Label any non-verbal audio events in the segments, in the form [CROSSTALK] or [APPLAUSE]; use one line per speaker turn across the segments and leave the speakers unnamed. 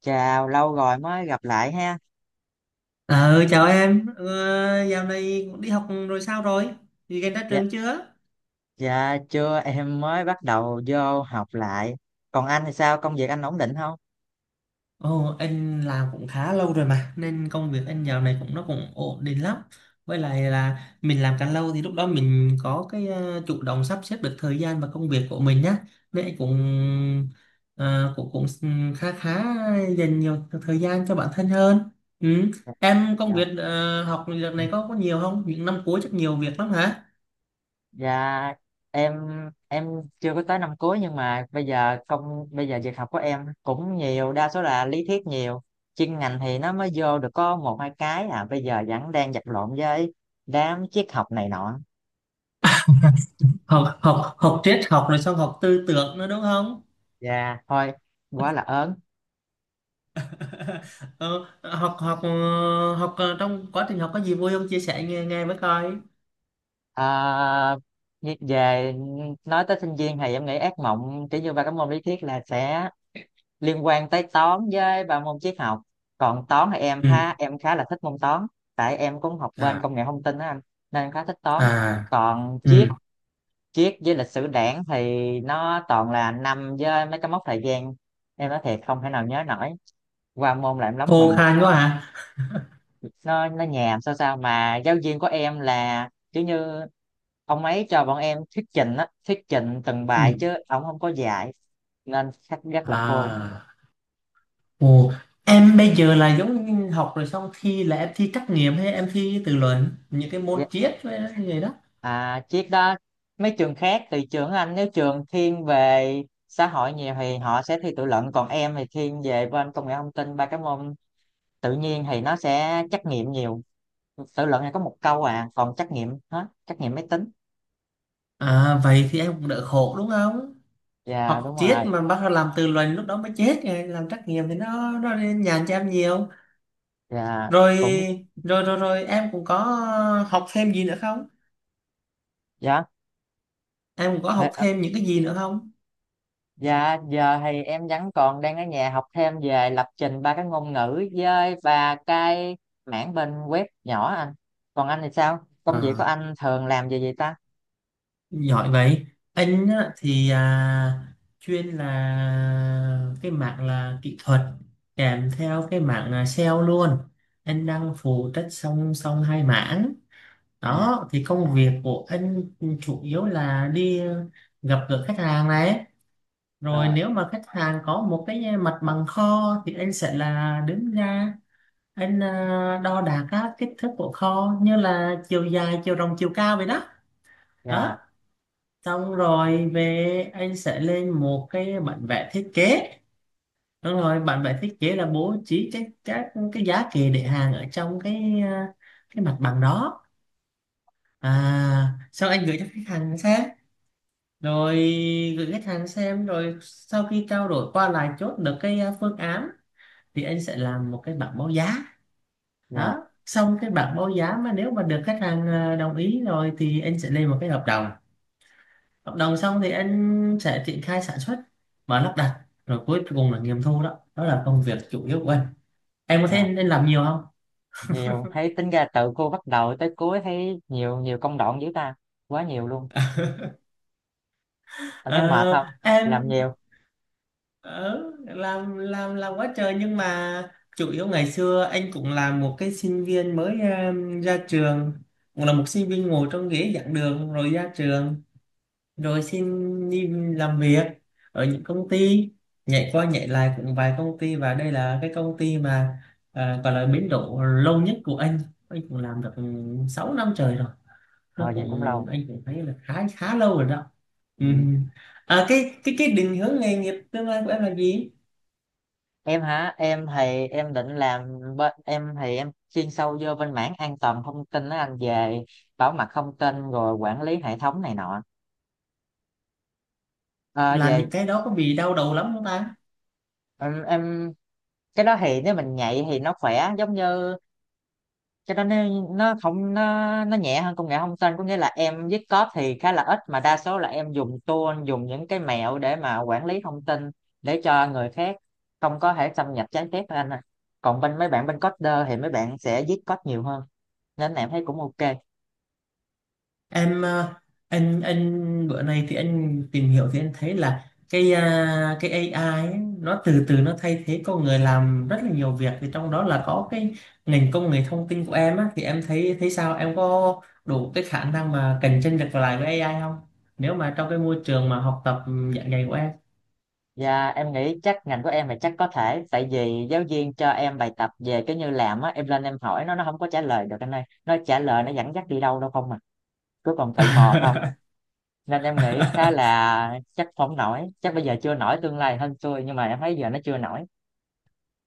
Chào, lâu rồi mới gặp lại ha.
Ờ, chào em, dạo này cũng đi học rồi sao rồi? Thì gần ra
Dạ,
trường chưa?
dạ chưa, em mới bắt đầu vô học lại. Còn anh thì sao, công việc anh ổn định không?
Ồ, anh làm cũng khá lâu rồi mà, nên công việc anh dạo này cũng nó cũng ổn định lắm. Với lại là mình làm càng lâu thì lúc đó mình có cái chủ động sắp xếp được thời gian và công việc của mình nhá. Nên anh cũng ờ, cũng cũng khá khá dành nhiều thời gian cho bản thân hơn. Ừ.
Dạ,
Em công
dạ.
việc học đợt này có nhiều không? Những năm cuối chắc nhiều việc lắm hả?
Dạ, em em chưa có tới năm cuối nhưng mà bây giờ việc học của em cũng nhiều, đa số là lý thuyết nhiều. Chuyên ngành thì nó mới vô được có một hai cái bây giờ vẫn đang vật lộn với đám triết học này nọ.
Học học học triết học rồi xong học tư tưởng nữa đúng không?
Dạ, thôi, quá là ớn.
[LAUGHS] Ờ, học học ờ, Trong quá trình học có gì vui không, chia sẻ nghe nghe mới coi.
À, Về nói tới sinh viên thì em nghĩ ác mộng kiểu như ba cái môn lý thuyết là sẽ liên quan tới toán với ba môn triết học. Còn toán thì em
Ừ.
ha em khá là thích môn toán tại em cũng học bên
À.
công nghệ thông tin á anh, nên em khá thích toán.
À.
Còn triết
Ừ.
triết với lịch sử đảng thì nó toàn là năm với mấy cái mốc thời gian, em nói thiệt không thể nào nhớ nổi, qua môn là em lắm mừng.
Khô khan quá hả?
Nó nhàm sao sao mà giáo viên của em là kiểu như ông ấy cho bọn em thuyết trình á, thuyết trình từng bài
Ừ.
chứ ông không có dạy, nên sách rất là khô.
À. Ồ, em bây giờ là giống như học rồi xong thi, là em thi trắc nghiệm hay em thi tự luận những cái
Dạ.
môn triết với như vậy đó?
À chiếc đó, mấy trường khác thì trường anh, nếu trường thiên về xã hội nhiều thì họ sẽ thi tự luận, còn em thì thiên về bên công nghệ thông tin ba cái môn tự nhiên thì nó sẽ trắc nghiệm nhiều. Tự luận này có một câu à, còn trắc nghiệm hết, trắc nghiệm máy tính.
À vậy thì em cũng đỡ khổ đúng không?
Dạ
Học
đúng
triết
rồi.
mà bắt đầu làm tự luận lúc đó mới chết, rồi làm trắc nghiệm thì nó nhàn cho em nhiều.
Dạ
rồi
cũng
rồi rồi rồi em cũng có học thêm gì nữa không?
dạ.
Em cũng có học thêm những cái gì nữa không?
Dạ, giờ thì em vẫn còn đang ở nhà học thêm về lập trình ba cái ngôn ngữ với và cái mảng bên web nhỏ anh. Còn anh thì sao? Công việc của
À,
anh thường làm về gì ta?
giỏi vậy. Anh á, chuyên là cái mảng là kỹ thuật, kèm theo cái mảng là sale luôn. Anh đang phụ trách song song hai mảng
À,
đó. Thì công việc của anh chủ yếu là đi gặp gỡ khách hàng này, rồi
rồi,
nếu mà khách hàng có một cái mặt bằng kho thì anh sẽ là đứng ra, anh đo đạc các kích thước của kho như là chiều dài, chiều rộng, chiều cao vậy đó.
dạ,
Đó, xong rồi về anh sẽ lên một cái bản vẽ thiết kế. Đúng rồi, bản vẽ thiết kế là bố trí các cái giá kệ để hàng ở trong cái mặt bằng đó. À, sau anh gửi cho khách hàng xem. Rồi gửi khách hàng xem rồi sau khi trao đổi qua lại, chốt được cái phương án thì anh sẽ làm một cái bảng báo giá.
dạ,
Đó, xong cái bạn báo giá mà nếu mà được khách hàng đồng ý rồi thì anh sẽ lên một cái hợp đồng. Hợp đồng xong thì anh sẽ triển khai sản xuất và lắp đặt, rồi cuối cùng là nghiệm thu. Đó, đó là công việc chủ yếu của anh. Em có thấy
dạ.
anh làm nhiều không?
Nhiều, thấy tính ra từ cô bắt đầu tới cuối thấy nhiều nhiều công đoạn dữ ta. Quá nhiều luôn. Anh thấy mệt
Ờ,
không? Làm
em
nhiều,
làm quá trời, nhưng mà chủ yếu ngày xưa anh cũng là một cái sinh viên mới ra trường, cũng là một sinh viên ngồi trong ghế giảng đường rồi ra trường, rồi xin đi làm việc ở những công ty, nhảy qua nhảy lại cũng vài công ty, và đây là cái công ty mà gọi là biến độ lâu nhất của anh. Anh cũng làm được 6 năm trời rồi. Nó
rồi gì cũng
cũng,
lâu.
anh cũng thấy là khá khá lâu rồi đó. Ừ.
Ừ.
À, cái định hướng nghề nghiệp tương lai của em là gì?
Em hả, em thì em định làm bên, em thì em chuyên sâu vô bên mảng an toàn thông tin đó anh, về bảo mật thông tin rồi quản lý hệ thống này nọ. Ờ,
Làm
về
những cái đó có bị đau đầu lắm không ta?
em cái đó thì nếu mình nhạy thì nó khỏe, giống như cái đó nó không nó nhẹ hơn công nghệ thông tin, có nghĩa là em viết code thì khá là ít mà đa số là em dùng tool, dùng những cái mẹo để mà quản lý thông tin để cho người khác không có thể xâm nhập trái phép anh ạ. Còn bên mấy bạn bên coder thì mấy bạn sẽ viết code nhiều hơn, nên em thấy cũng ok.
Em anh bữa nay thì anh tìm hiểu thì anh thấy là cái AI ấy, nó từ từ nó thay thế con người làm rất là nhiều việc, thì trong đó là có cái ngành công nghệ thông tin của em á, thì em thấy, thấy sao, em có đủ cái khả năng mà cạnh tranh được lại với AI không, nếu mà trong cái môi trường mà học tập dạng ngày của em?
Và em nghĩ chắc ngành của em thì chắc có thể, tại vì giáo viên cho em bài tập về cái như làm á, em lên em hỏi nó không có trả lời được anh ơi, nó trả lời nó dẫn dắt đi đâu đâu không, mà cứ còn tự mò thôi, nên em nghĩ khá
[LAUGHS]
là chắc không nổi, chắc bây giờ chưa nổi, tương lai hơn xui nhưng mà em thấy giờ nó chưa nổi.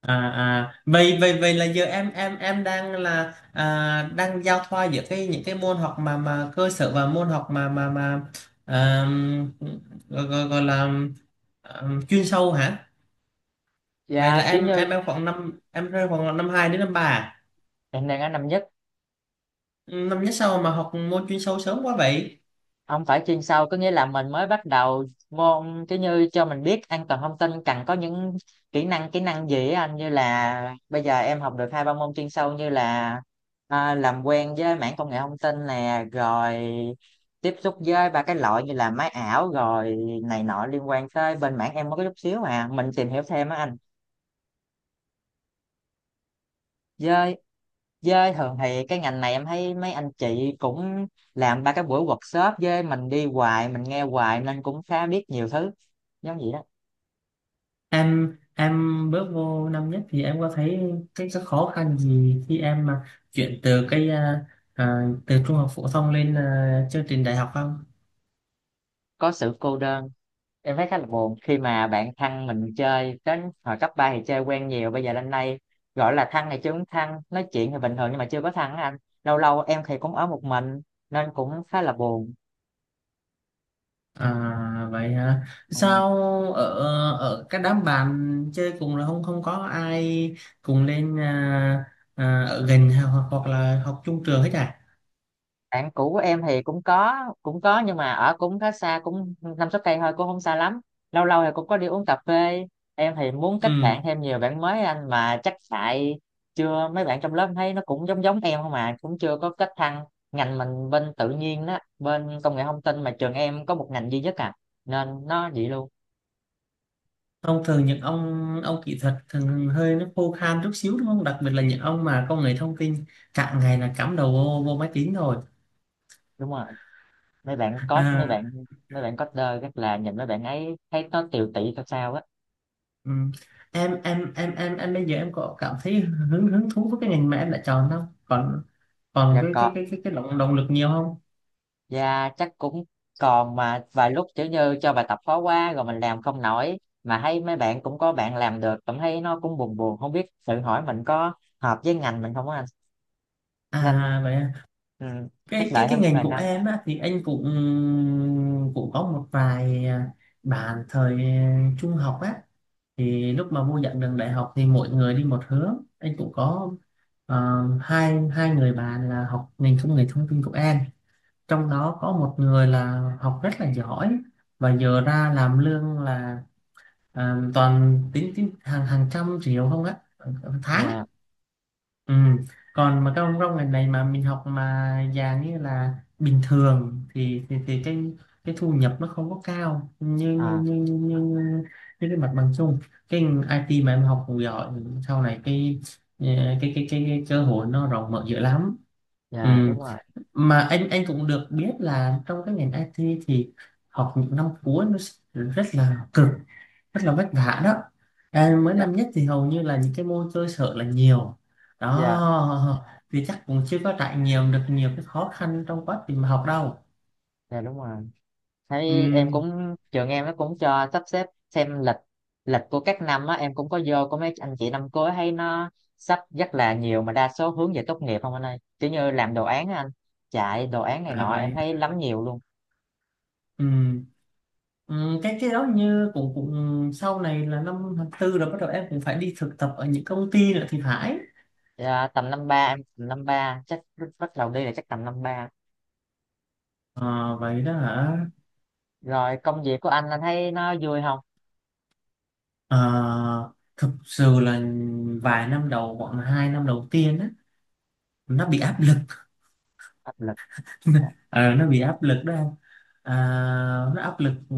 À, vậy vậy vậy là giờ em em đang là đang giao thoa giữa cái những cái môn học mà cơ sở và môn học mà mà à, gọi là à, chuyên sâu hả? Vậy
Dạ
là
chứ
em
như
em khoảng năm, em rơi khoảng năm hai đến năm ba à?
hiện đang ở năm nhất.
Năm nhất sau mà học môn chuyên sâu sớm quá vậy?
Ông phải chuyên sâu có nghĩa là mình mới bắt đầu môn, chứ như cho mình biết an toàn thông tin cần có những kỹ năng gì á anh, như là bây giờ em học được hai ba môn chuyên sâu như là làm quen với mảng công nghệ thông tin nè, rồi tiếp xúc với ba cái loại như là máy ảo rồi này nọ liên quan tới bên mảng em, mới có chút xíu mà mình tìm hiểu thêm á anh. Với với thường thì cái ngành này em thấy mấy anh chị cũng làm ba cái buổi workshop với mình, đi hoài mình nghe hoài nên cũng khá biết nhiều thứ giống vậy đó.
Em bước vô năm nhất thì em có thấy cái khó khăn gì khi em mà chuyển từ từ trung học phổ thông lên chương trình đại học không?
Có sự cô đơn, em thấy khá là buồn khi mà bạn thân mình chơi đến hồi cấp 3 thì chơi quen nhiều, bây giờ lên đây gọi là thân thì chứ không thân, nói chuyện thì bình thường nhưng mà chưa có thân á anh. Lâu lâu em thì cũng ở một mình nên cũng khá là buồn.
À vậy hả?
Ừ.
Sao ở ở cái đám bạn chơi cùng là không không có ai cùng lên, ở gần hoặc hoặc là học chung trường hết à?
Bạn cũ của em thì cũng có, cũng có nhưng mà ở cũng khá xa, cũng năm sáu cây thôi cũng không xa lắm. Lâu lâu thì cũng có đi uống cà phê. Em thì muốn kết
Ừ.
bạn thêm nhiều bạn mới anh, mà chắc tại chưa, mấy bạn trong lớp em thấy nó cũng giống giống em không mà cũng chưa có kết thăng. Ngành mình bên tự nhiên đó, bên công nghệ thông tin mà trường em có một ngành duy nhất à, nên nó vậy luôn.
Thông thường những ông kỹ thuật thường hơi nó khô khan chút xíu đúng không? Đặc biệt là những ông mà công nghệ thông tin cả ngày là cắm đầu vô máy tính rồi.
Đúng rồi, mấy bạn code, mấy
À,
bạn mấy bạn coder rất là, nhìn mấy bạn ấy thấy nó tiều tị sao sao á.
ừ. Em em bây giờ em có cảm thấy hứng hứng thú với cái ngành mà em đã chọn không? Còn còn
Dạ
cái
còn.
cái cái cái cái động động lực nhiều không?
Dạ chắc cũng còn, mà vài lúc kiểu như cho bài tập khó quá rồi mình làm không nổi, mà thấy mấy bạn cũng có bạn làm được, cảm thấy nó cũng buồn buồn, không biết tự hỏi mình có hợp với ngành mình không á anh. Nên
À vậy,
ừ, chắc
cái
đợi
cái cái
thêm
ngành
vài
của
năm.
em á, thì anh cũng cũng có một vài bạn thời trung học á, thì lúc mà vô giảng đường đại học thì mỗi người đi một hướng, anh cũng có hai hai người bạn là học ngành công nghệ thông tin của em, trong đó có một người là học rất là giỏi và giờ ra làm lương là toàn tính hàng hàng trăm triệu không á, tháng.
Dạ
Ừ. Còn mà các ông trong ngành này mà mình học mà dạng như là bình thường thì thì cái thu nhập nó không có cao như
à,
như cái mặt bằng chung. Cái IT mà em học cũng giỏi sau này cái ờ, cái cơ hội nó rộng mở dữ lắm.
dạ
Ừ.
đúng rồi.
Mà anh cũng được biết là trong cái ngành IT thì học những năm cuối nó rất là cực, rất là vất vả đó. Em mới
Dạ,
năm nhất thì hầu như là những cái môn chơi sợ là nhiều.
dạ,
Đó, vì chắc cũng chưa có trải nghiệm được nhiều cái khó khăn trong quá trình mà học đâu.
dạ đúng rồi. Thấy em
Ừm.
cũng, trường em nó cũng cho sắp xếp xem lịch, lịch của các năm á, em cũng có vô có mấy anh chị năm cuối thấy nó sắp rất là nhiều mà đa số hướng về tốt nghiệp không anh ơi, kiểu như làm đồ án á anh, chạy đồ án này
À
nọ em
vậy.
thấy lắm nhiều luôn.
ừm, cái đó như cũng cũng sau này là năm tháng tư rồi bắt đầu em cũng phải đi thực tập ở những công ty nữa thì phải.
À, tầm năm ba, em tầm năm ba chắc bắt đầu đi là chắc tầm năm ba.
Ờ, vậy đó hả?
Rồi công việc của anh thấy nó vui không?
Ờ, thực sự là vài năm đầu, khoảng 2 năm đầu tiên á, nó bị áp.
Áp lực
Ờ, nó bị áp lực đó anh. à, nó áp lực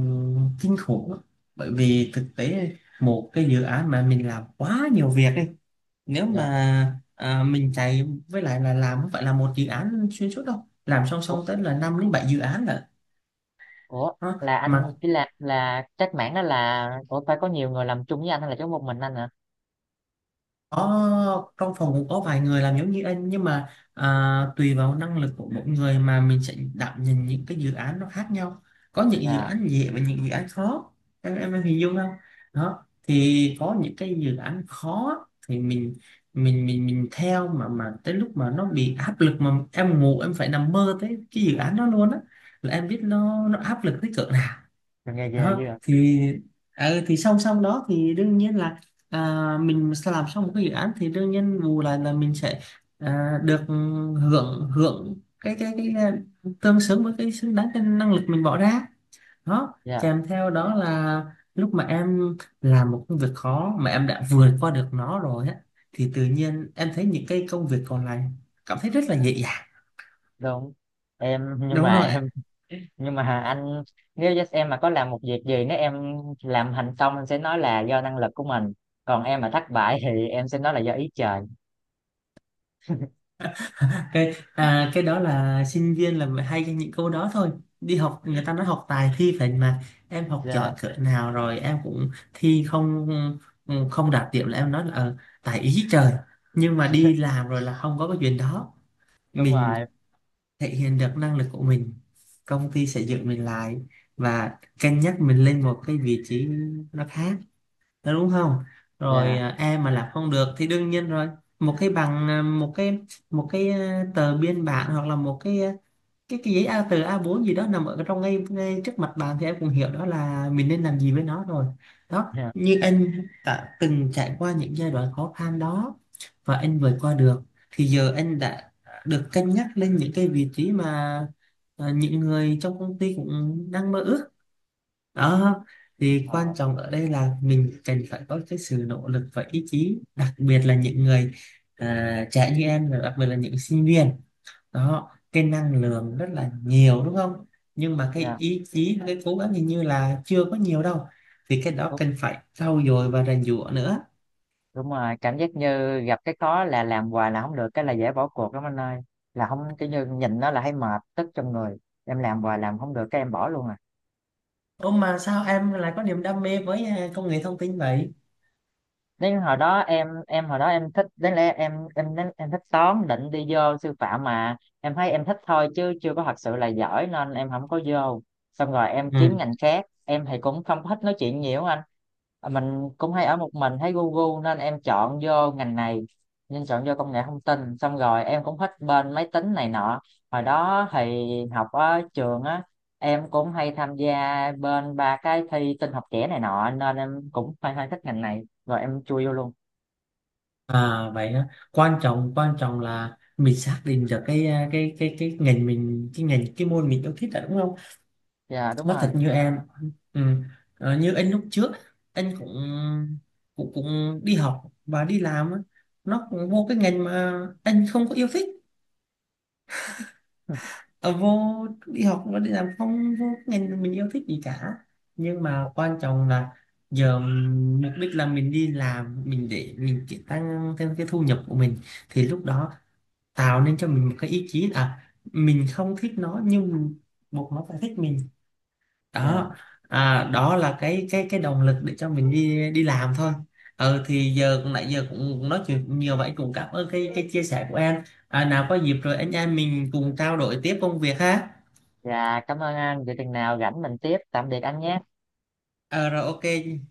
kinh khủng lắm. Bởi vì thực tế một cái dự án mà mình làm quá nhiều việc ấy, nếu
dạ.
mà mình chạy, với lại là làm không phải là một dự án xuyên suốt đâu, làm song
Ủa,
song tới là 5 đến 7 dự án lận.
ủa
Đó.
là anh
Mà
chỉ là trách mảng đó, là ủa phải có nhiều người làm chung với anh hay là chỉ có một mình anh hả?
có trong phòng cũng có vài người làm giống như anh, nhưng mà à, tùy vào năng lực của mỗi người mà mình sẽ đảm nhận những cái dự án nó khác nhau. Có những dự
À,
án dễ và những dự án khó. Em em hình dung không? Đó thì có những cái dự án khó thì mình mình theo mà tới lúc mà nó bị áp lực mà em ngủ em phải nằm mơ tới cái dự án đó luôn á, là em biết nó áp lực tới cỡ nào.
nghề ghê
Đó
dữ à.
thì thì song song đó thì đương nhiên là mình sẽ làm xong một cái dự án thì đương nhiên bù lại là mình sẽ được hưởng hưởng tương xứng với cái xứng đáng cái năng lực mình bỏ ra. Đó,
Dạ
kèm theo đó là lúc mà em làm một công việc khó mà em đã vượt qua được nó rồi á, thì tự nhiên em thấy những cái công việc còn lại cảm thấy rất là nhẹ nhàng.
đúng. em nhưng
Đúng
mà
rồi.
em nhưng mà anh, nếu just em mà có làm một việc gì, nếu em làm thành công em sẽ nói là do năng lực của mình, còn em mà thất bại thì em sẽ nói là do ý trời.
Cái
[LAUGHS]
đó là sinh viên là mới hay cho những câu đó thôi. Đi học người ta nói học tài thi phải mà. Em học
Dạ
giỏi cỡ nào rồi em cũng thi không, không đạt điểm là em nói là tài ý trời. Nhưng mà đi làm rồi là không có cái chuyện đó.
đúng
Mình
rồi.
thể hiện được năng lực của mình, công ty sẽ giữ mình lại và cân nhắc mình lên một cái vị trí nó khác. Đó, đúng không? Rồi
Dạ,
em mà làm không được thì đương nhiên rồi một cái bằng, tờ biên bản, hoặc là một cái à, cái cái giấy A A4 gì đó nằm ở trong ngay trước mặt bạn thì em cũng hiểu đó là mình nên làm gì với nó rồi. Đó,
dạ.
như anh đã từng trải qua những giai đoạn khó khăn đó và anh vượt qua được, thì giờ anh đã được cân nhắc lên những cái vị trí mà những người trong công ty cũng đang mơ ước đó. Thì
Ờ,
quan trọng ở đây là mình cần phải có cái sự nỗ lực và ý chí, đặc biệt là những người trẻ như em, rồi đặc biệt là những sinh viên đó, cái năng lượng rất là nhiều đúng không, nhưng mà cái
dạ
ý chí, cái cố gắng hình như là chưa có nhiều đâu. Thì cái đó
đúng,
cần phải trau dồi và rèn giũa nữa.
đúng rồi, cảm giác như gặp cái khó là làm hoài là không được cái là dễ bỏ cuộc lắm anh ơi, là không, cái như nhìn nó là thấy mệt tức trong người, em làm hoài làm không được cái em bỏ luôn à.
Ô, mà sao em lại có niềm đam mê với công nghệ thông tin vậy?
Đến hồi đó em hồi đó em thích, đến lẽ em đến em thích toán, định đi vô sư phạm mà em thấy em thích thôi chứ chưa có thật sự là giỏi nên em không có vô. Xong rồi em
Ừ.
kiếm ngành khác, em thì cũng không có thích nói chuyện nhiều á anh. À, mình cũng hay ở một mình thấy Google, nên em chọn vô ngành này, nên chọn vô công nghệ thông tin. Xong rồi em cũng thích bên máy tính này nọ, hồi đó thì học ở trường á, em cũng hay tham gia bên ba cái thi tin học trẻ này nọ nên em cũng hay hay thích ngành này rồi em chui vô luôn.
À vậy á, quan trọng, quan trọng là mình xác định được cái cái ngành mình, cái ngành cái môn mình yêu thích là đúng không?
Dạ đúng
Nói thật
rồi.
như em, ừ, như anh lúc trước, anh cũng cũng cũng đi học và đi làm á, nó cũng vô cái ngành mà anh không có yêu thích.
[LAUGHS]
Ờ, vô đi học và đi làm không vô cái ngành mình yêu thích gì cả, nhưng mà quan trọng là giờ mục đích là mình đi làm, mình để mình chỉ tăng thêm cái thu nhập của mình, thì lúc đó tạo nên cho mình một cái ý chí. Mình không thích nó nhưng mình buộc nó phải thích mình.
Dạ,
Đó, đó là cái động lực để cho mình đi đi làm thôi. Ừ, thì giờ nãy giờ cũng nói chuyện nhiều vậy, cũng cảm ơn cái chia sẻ của em. Nào có dịp rồi anh em mình cùng trao đổi tiếp công việc ha.
dạ cảm ơn anh, vậy chừng nào rảnh mình tiếp, tạm biệt anh nhé.
Ờ rồi, ok.